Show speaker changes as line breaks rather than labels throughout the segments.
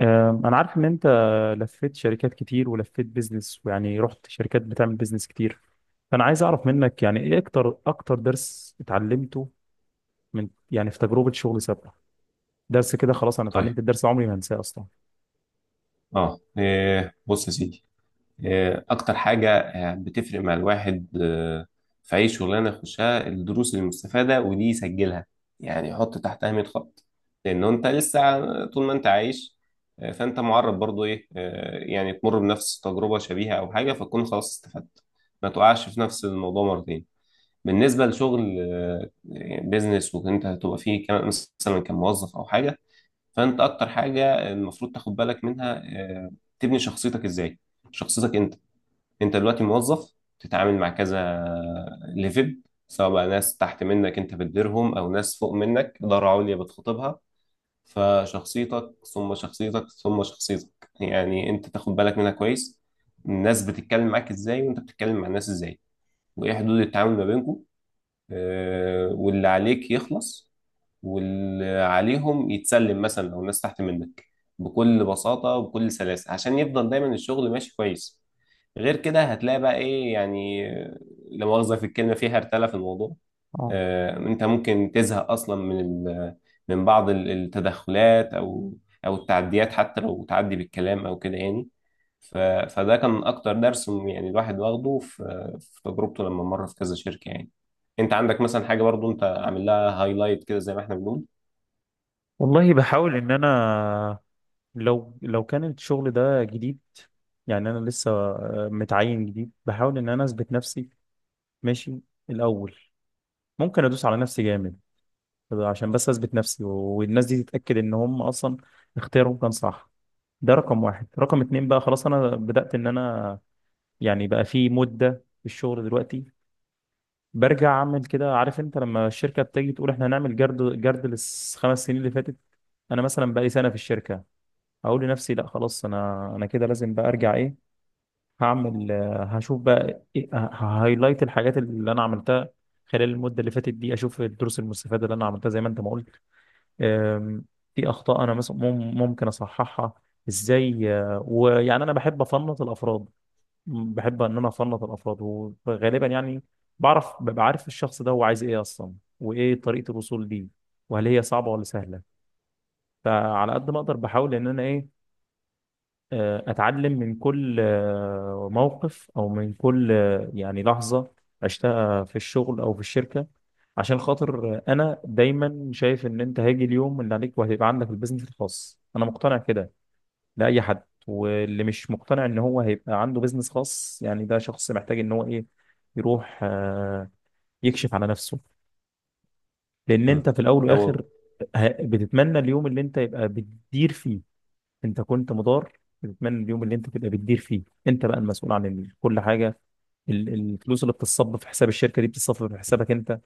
أنا عارف إن أنت لفيت شركات كتير ولفيت بيزنس ويعني رحت شركات بتعمل بيزنس كتير. فأنا عايز أعرف منك يعني إيه أكتر درس اتعلمته من يعني في تجربة شغل سابقة. درس كده خلاص أنا
طيب
اتعلمت الدرس ده عمري ما هنساه أصلا.
اه إيه، بص يا سيدي. اكتر حاجه بتفرق مع الواحد في اي شغلانه يخشها الدروس المستفاده ودي يسجلها، يعني يحط تحتها 100 خط. لانه انت لسه طول ما انت عايش فانت معرض برضو ايه يعني تمر بنفس تجربه شبيهه او حاجه، فتكون خلاص استفدت ما تقعش في نفس الموضوع مرتين. بالنسبه لشغل بيزنس، وانت هتبقى فيه كمان مثلا كموظف او حاجه، فانت اكتر حاجه المفروض تاخد بالك منها تبني شخصيتك ازاي. شخصيتك انت. انت دلوقتي موظف تتعامل مع كذا ليفل، سواء بقى ناس تحت منك انت بتديرهم، او ناس فوق منك اداره عليا بتخاطبها. فشخصيتك ثم شخصيتك ثم شخصيتك، يعني انت تاخد بالك منها كويس. الناس بتتكلم معاك ازاي، وانت بتتكلم مع الناس ازاي، وايه حدود التعامل ما بينكم. واللي عليك يخلص واللي عليهم يتسلم، مثلا لو الناس تحت منك، بكل بساطة وبكل سلاسة، عشان يفضل دايما الشغل ماشي كويس. غير كده هتلاقي بقى ايه يعني، لا مؤاخذة في الكلمة، في هرتلة في الموضوع.
اه.
انت ممكن تزهق اصلا من من بعض التدخلات او التعديات، حتى لو تعدي بالكلام او كده يعني. ف- فده كان اكتر درس يعني الواحد واخده في تجربته لما مر في كذا شركة يعني. انت عندك مثلا حاجة، برضو انت عامل لها هايلايت كده زي ما احنا بنقول؟
والله بحاول إن أنا، لو كان الشغل ده جديد، يعني أنا لسه متعين جديد، بحاول إن أنا أثبت نفسي، ماشي، الأول. ممكن أدوس على نفسي جامد عشان بس اثبت نفسي والناس دي تتاكد ان هم اصلا اختيارهم كان صح. ده رقم واحد. رقم اتنين بقى خلاص انا بدات ان انا يعني بقى في مده في الشغل دلوقتي برجع اعمل كده. عارف انت لما الشركه بتيجي تقول احنا هنعمل جرد جرد للخمس سنين اللي فاتت، انا مثلا بقى لي سنه في الشركه اقول لنفسي، لا خلاص انا كده لازم بقى ارجع ايه. هعمل آه، هشوف بقى إيه هايلايت الحاجات اللي انا عملتها خلال المده اللي فاتت دي، اشوف الدروس المستفاده اللي انا عملتها زي ما انت ما قلت. آم، في اخطاء انا مثلا ممكن اصححها ازاي. ويعني انا بحب افنط الافراد. بحب ان انا افنط الافراد، وغالبا يعني ببقى عارف الشخص ده هو عايز ايه اصلا، وايه طريقة الوصول ليه، وهل هي صعبة ولا سهلة. فعلى قد ما اقدر بحاول ان انا إيه، اتعلم من كل موقف، او من كل يعني لحظه عشتها في الشغل او في الشركه، عشان خاطر انا دايما شايف ان انت هيجي اليوم اللي عليك وهيبقى عندك البيزنس الخاص. انا مقتنع كده لاي حد، واللي مش مقتنع ان هو هيبقى عنده بيزنس خاص يعني ده شخص محتاج ان هو ايه، يروح يكشف على نفسه. لان انت
مم.
في الاول والاخر
أو
بتتمنى اليوم اللي انت يبقى بتدير فيه. انت كنت مدار، بتتمنى اليوم اللي انت تبقى بتدير فيه انت، بقى المسؤول عن كل حاجه. الفلوس اللي بتتصب في حساب الشركه دي بتتصب في حسابك انت.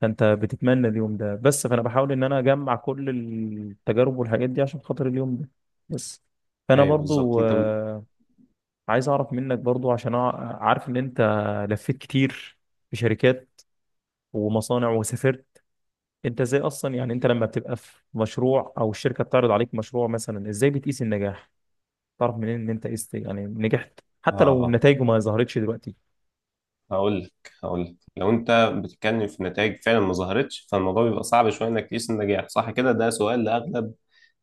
فانت بتتمنى اليوم ده بس. فانا بحاول ان انا اجمع كل التجارب والحاجات دي عشان خاطر اليوم ده بس. فانا
أيوه بالظبط.
برضو
أنت
عايز اعرف منك برضو عشان عارف ان انت لفيت كتير في شركات ومصانع وسافرت. انت ازاي اصلا، يعني انت لما بتبقى في مشروع او الشركه بتعرض عليك مشروع مثلا، ازاي بتقيس النجاح؟ تعرف منين ان انت يعني نجحت
آه
حتى لو
آه
نتائجه ما ظهرتش دلوقتي؟
هقول لك. لو أنت بتتكلم في نتائج فعلا ما ظهرتش، فالموضوع بيبقى صعب شوية إنك تقيس النجاح، صح كده؟ ده سؤال لأغلب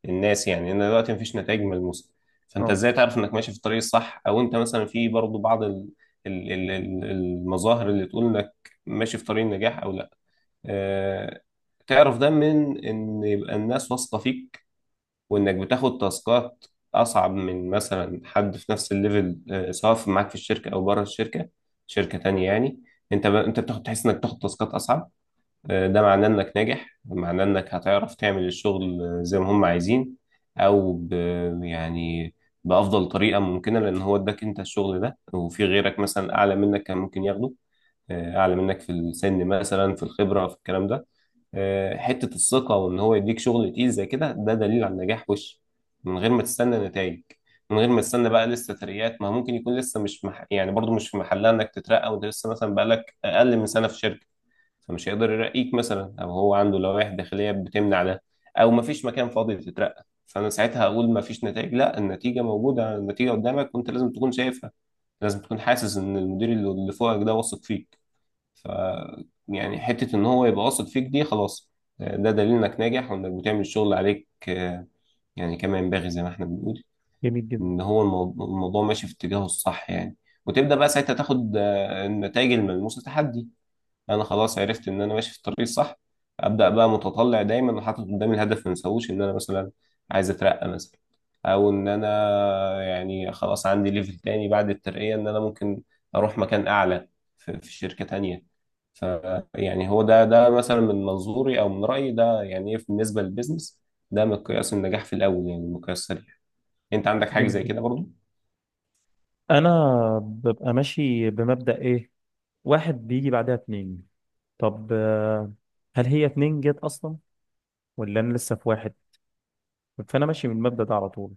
الناس، يعني إن دلوقتي مفيش نتائج ملموسة، فأنت
اه.
إزاي تعرف إنك ماشي في الطريق الصح؟ أو أنت مثلا في برضو بعض المظاهر اللي تقول إنك ماشي في طريق النجاح أو لأ. آه... تعرف ده من إن يبقى الناس واثقة فيك، وانك بتاخد تاسكات اصعب من مثلا حد في نفس الليفل سواء معاك في الشركه او بره الشركه، شركه تانية يعني. انت انت بتاخد، تحس انك بتاخد تاسكات اصعب ده معناه انك ناجح، معناه انك هتعرف تعمل الشغل زي ما هم عايزين او ب... يعني بافضل طريقه ممكنه، لان هو اداك انت الشغل ده وفي غيرك مثلا اعلى منك كان ممكن ياخده اعلى منك في السن مثلا، في الخبره، في الكلام ده. حتة الثقة وإن هو يديك شغل تقيل زي كده، ده دليل على النجاح وش، من غير ما تستنى نتائج. من غير ما تستنى بقى لسه ترقيات، ما ممكن يكون لسه مش مح... يعني برضو مش في محلها إنك تترقى وأنت لسه مثلا بقالك أقل من سنة في شركة، فمش هيقدر يرقيك مثلا، أو هو عنده لوائح داخلية بتمنع ده، أو مفيش مكان فاضي تترقى. فأنا ساعتها هقول مفيش نتائج؟ لا، النتيجة موجودة، النتيجة قدامك وأنت لازم تكون شايفها. لازم تكون حاسس إن المدير اللي فوقك ده واثق فيه ف يعني حتة إن هو يبقى واثق فيك دي خلاص، ده دليل إنك ناجح وإنك بتعمل الشغل عليك يعني كما ينبغي، زي ما إحنا بنقول
جميل جدا،
إن هو الموضوع ماشي في اتجاهه الصح يعني. وتبدأ بقى ساعتها تاخد النتائج الملموسة تحدي، انا خلاص عرفت ان انا ماشي في الطريق الصح. ابدا بقى متطلع دايما وحاطط قدامي الهدف، ما انساهوش، ان انا مثلا عايز اترقى مثلا، او ان انا يعني خلاص عندي ليفل تاني بعد الترقية، ان انا ممكن اروح مكان اعلى في شركة تانية. ف يعني هو ده مثلا من منظوري او من رأيي، ده يعني ايه بالنسبة للبيزنس؟ ده مقياس النجاح في الاول، يعني مقياس سريع. انت عندك حاجة
جميل
زي
جدا.
كده؟
انا ببقى ماشي بمبدأ ايه، واحد بيجي بعدها اتنين. طب هل هي اتنين جت اصلا ولا انا لسه في واحد؟ فانا ماشي من المبدأ ده على طول.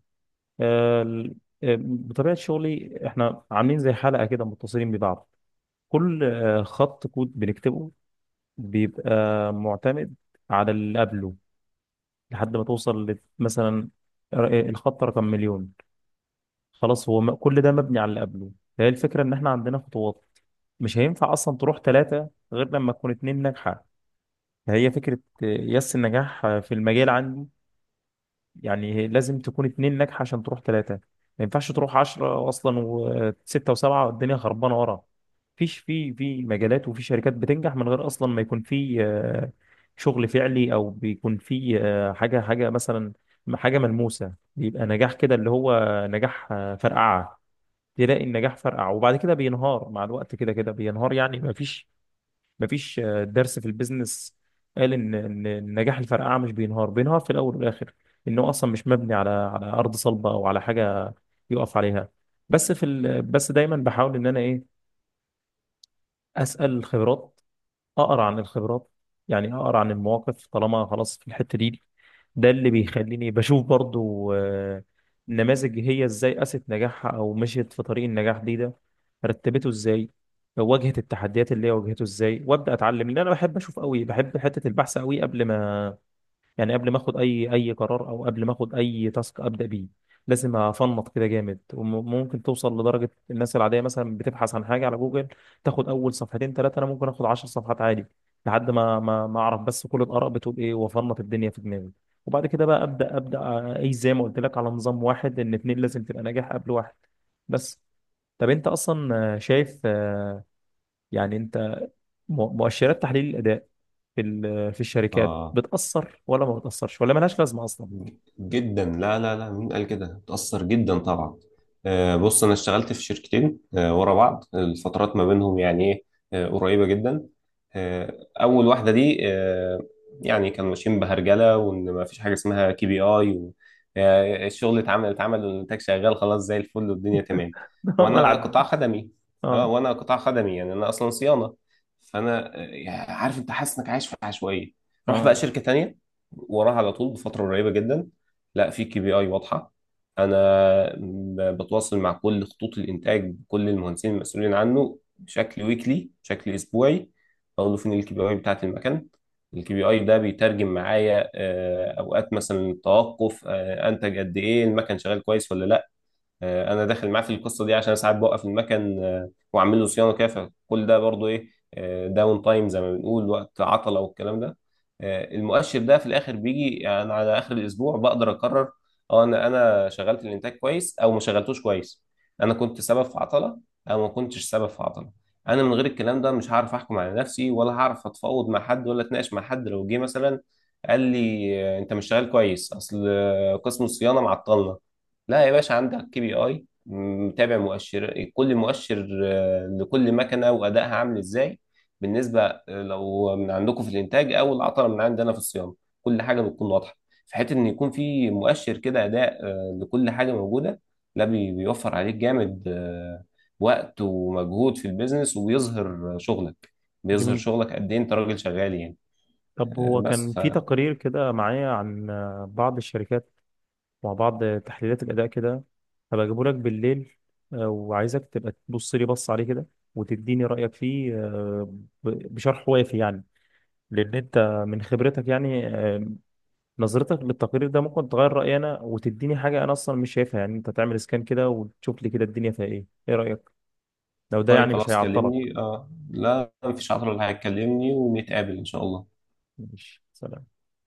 آه، ال- بطبيعة شغلي احنا عاملين زي حلقة كده متصلين ببعض. كل خط كود بنكتبه بيبقى معتمد على اللي قبله، لحد ما توصل مثلا الخط رقم مليون. خلاص هو كل ده مبني على اللي قبله. فهي الفكرة ان احنا عندنا خطوات، مش هينفع اصلا تروح ثلاثة غير لما تكون اتنين ناجحة. فهي فكرة يس النجاح في المجال عندي. يعني لازم تكون اتنين ناجحة عشان تروح ثلاثة. ما ينفعش تروح عشرة اصلا وستة وسبعة والدنيا خربانة ورا. فيش في مجالات وفي شركات بتنجح من غير اصلا ما يكون في شغل فعلي، او بيكون في حاجة مثلا، حاجة ملموسة، بيبقى نجاح كده اللي هو نجاح فرقعة. تلاقي النجاح فرقع وبعد كده بينهار، مع الوقت كده كده بينهار. يعني مفيش درس في البيزنس قال ان النجاح الفرقعه مش بينهار في الاول والاخر. انه اصلا مش مبني على ارض صلبه او على حاجه يقف عليها. بس دايما بحاول ان انا ايه، اسال الخبرات، اقرا عن الخبرات، يعني اقرا عن المواقف. طالما خلاص في الحته دي، ده اللي بيخليني بشوف برضو نماذج هي ازاي قاست نجاحها او مشيت في طريق النجاح دي، ده رتبته ازاي، واجهت التحديات اللي هي واجهته ازاي، وابدا اتعلم. لان انا بحب اشوف قوي، بحب حته البحث قوي قبل ما يعني، قبل ما اخد اي قرار او قبل ما اخد اي تاسك ابدا بيه لازم افنط كده جامد. وممكن توصل لدرجه، الناس العاديه مثلا بتبحث عن حاجه على جوجل تاخد اول صفحتين ثلاثه، انا ممكن اخد 10 صفحات عادي لحد ما اعرف بس كل الاراء بتقول ايه، وافنط الدنيا في دماغي. وبعد كده بقى ابدا اي زي ما قلت لك على نظام واحد، ان اتنين لازم تبقى ناجح قبل واحد بس. طب انت اصلا شايف، يعني انت مؤشرات تحليل الاداء في الشركات
برضو
بتاثر ولا ما بتاثرش ولا ملهاش لازمه اصلا؟
جدا. لا لا لا، مين قال كده؟ بتأثر جدا طبعا. بص انا اشتغلت في شركتين ورا بعض، الفترات ما بينهم يعني ايه قريبة جدا. آه، اول واحدة دي يعني كانوا ماشيين بهرجلة، وان ما فيش حاجة اسمها كي بي اي، و الشغل اتعمل والانتاج شغال خلاص زي الفل والدنيا تمام.
ده
وانا قطاع
ملعب.
خدمي. اه
اه.
وانا قطاع خدمي، يعني انا اصلا صيانة. فانا عارف، انت حاسس انك عايش في عشوائية. روح بقى
اه،
شركة تانية وراها على طول بفترة قريبة جدا، لا، في كي بي اي واضحة. انا بتواصل مع كل خطوط الانتاج، بكل المهندسين المسؤولين عنه، بشكل ويكلي بشكل اسبوعي. بقول له فين الكي بي اي بتاعت المكان. الكي بي اي ده بيترجم معايا اوقات مثلا توقف انتج قد ايه، المكن شغال كويس ولا لا. انا داخل معاه في القصه دي، عشان ساعات بوقف المكن واعمل له صيانه كده، فكل ده برضو ايه، داون تايم زي ما بنقول، وقت عطله والكلام ده. المؤشر ده في الاخر بيجي يعني على اخر الاسبوع بقدر اقرر، اه انا شغلت الانتاج كويس او ما شغلتوش كويس، انا كنت سبب في عطله او ما كنتش سبب في عطله. انا من غير الكلام ده مش هعرف احكم على نفسي، ولا هعرف اتفاوض مع حد، ولا اتناقش مع حد لو جه مثلا قال لي انت مش شغال كويس، اصل قسم الصيانه معطلنا. لا يا باشا، عندك كي بي اي متابع، مؤشر، كل مؤشر لكل مكنه، وادائها عامل ازاي بالنسبه لو من عندكم في الانتاج، او العطله من عندنا في الصيانه، كل حاجه بتكون واضحه. في حته ان يكون في مؤشر كده اداء لكل حاجه موجوده، ده بيوفر عليك جامد وقت ومجهود في البيزنس، وبيظهر شغلك. بيظهر
جميل.
شغلك قد ايه انت راجل شغال يعني.
طب
آه،
هو
بس
كان
ف
في تقرير كده معايا عن بعض الشركات مع بعض تحليلات الاداء كده، هبقى اجيبه لك بالليل. وعايزك تبقى تبص لي بص عليه كده وتديني رايك فيه، بشرح وافي يعني. لان انت من خبرتك يعني، نظرتك للتقرير ده ممكن تغير رأيي أنا وتديني حاجة أنا أصلا مش شايفها. يعني أنت تعمل سكان كده وتشوف لي كده الدنيا فيها إيه، إيه رأيك؟ لو ده
طيب
يعني مش
خلاص
هيعطلك.
كلمني. اه لا، مفيش عطله، اللي هيكلمني ونتقابل ان شاء الله.
ماشي، سلام.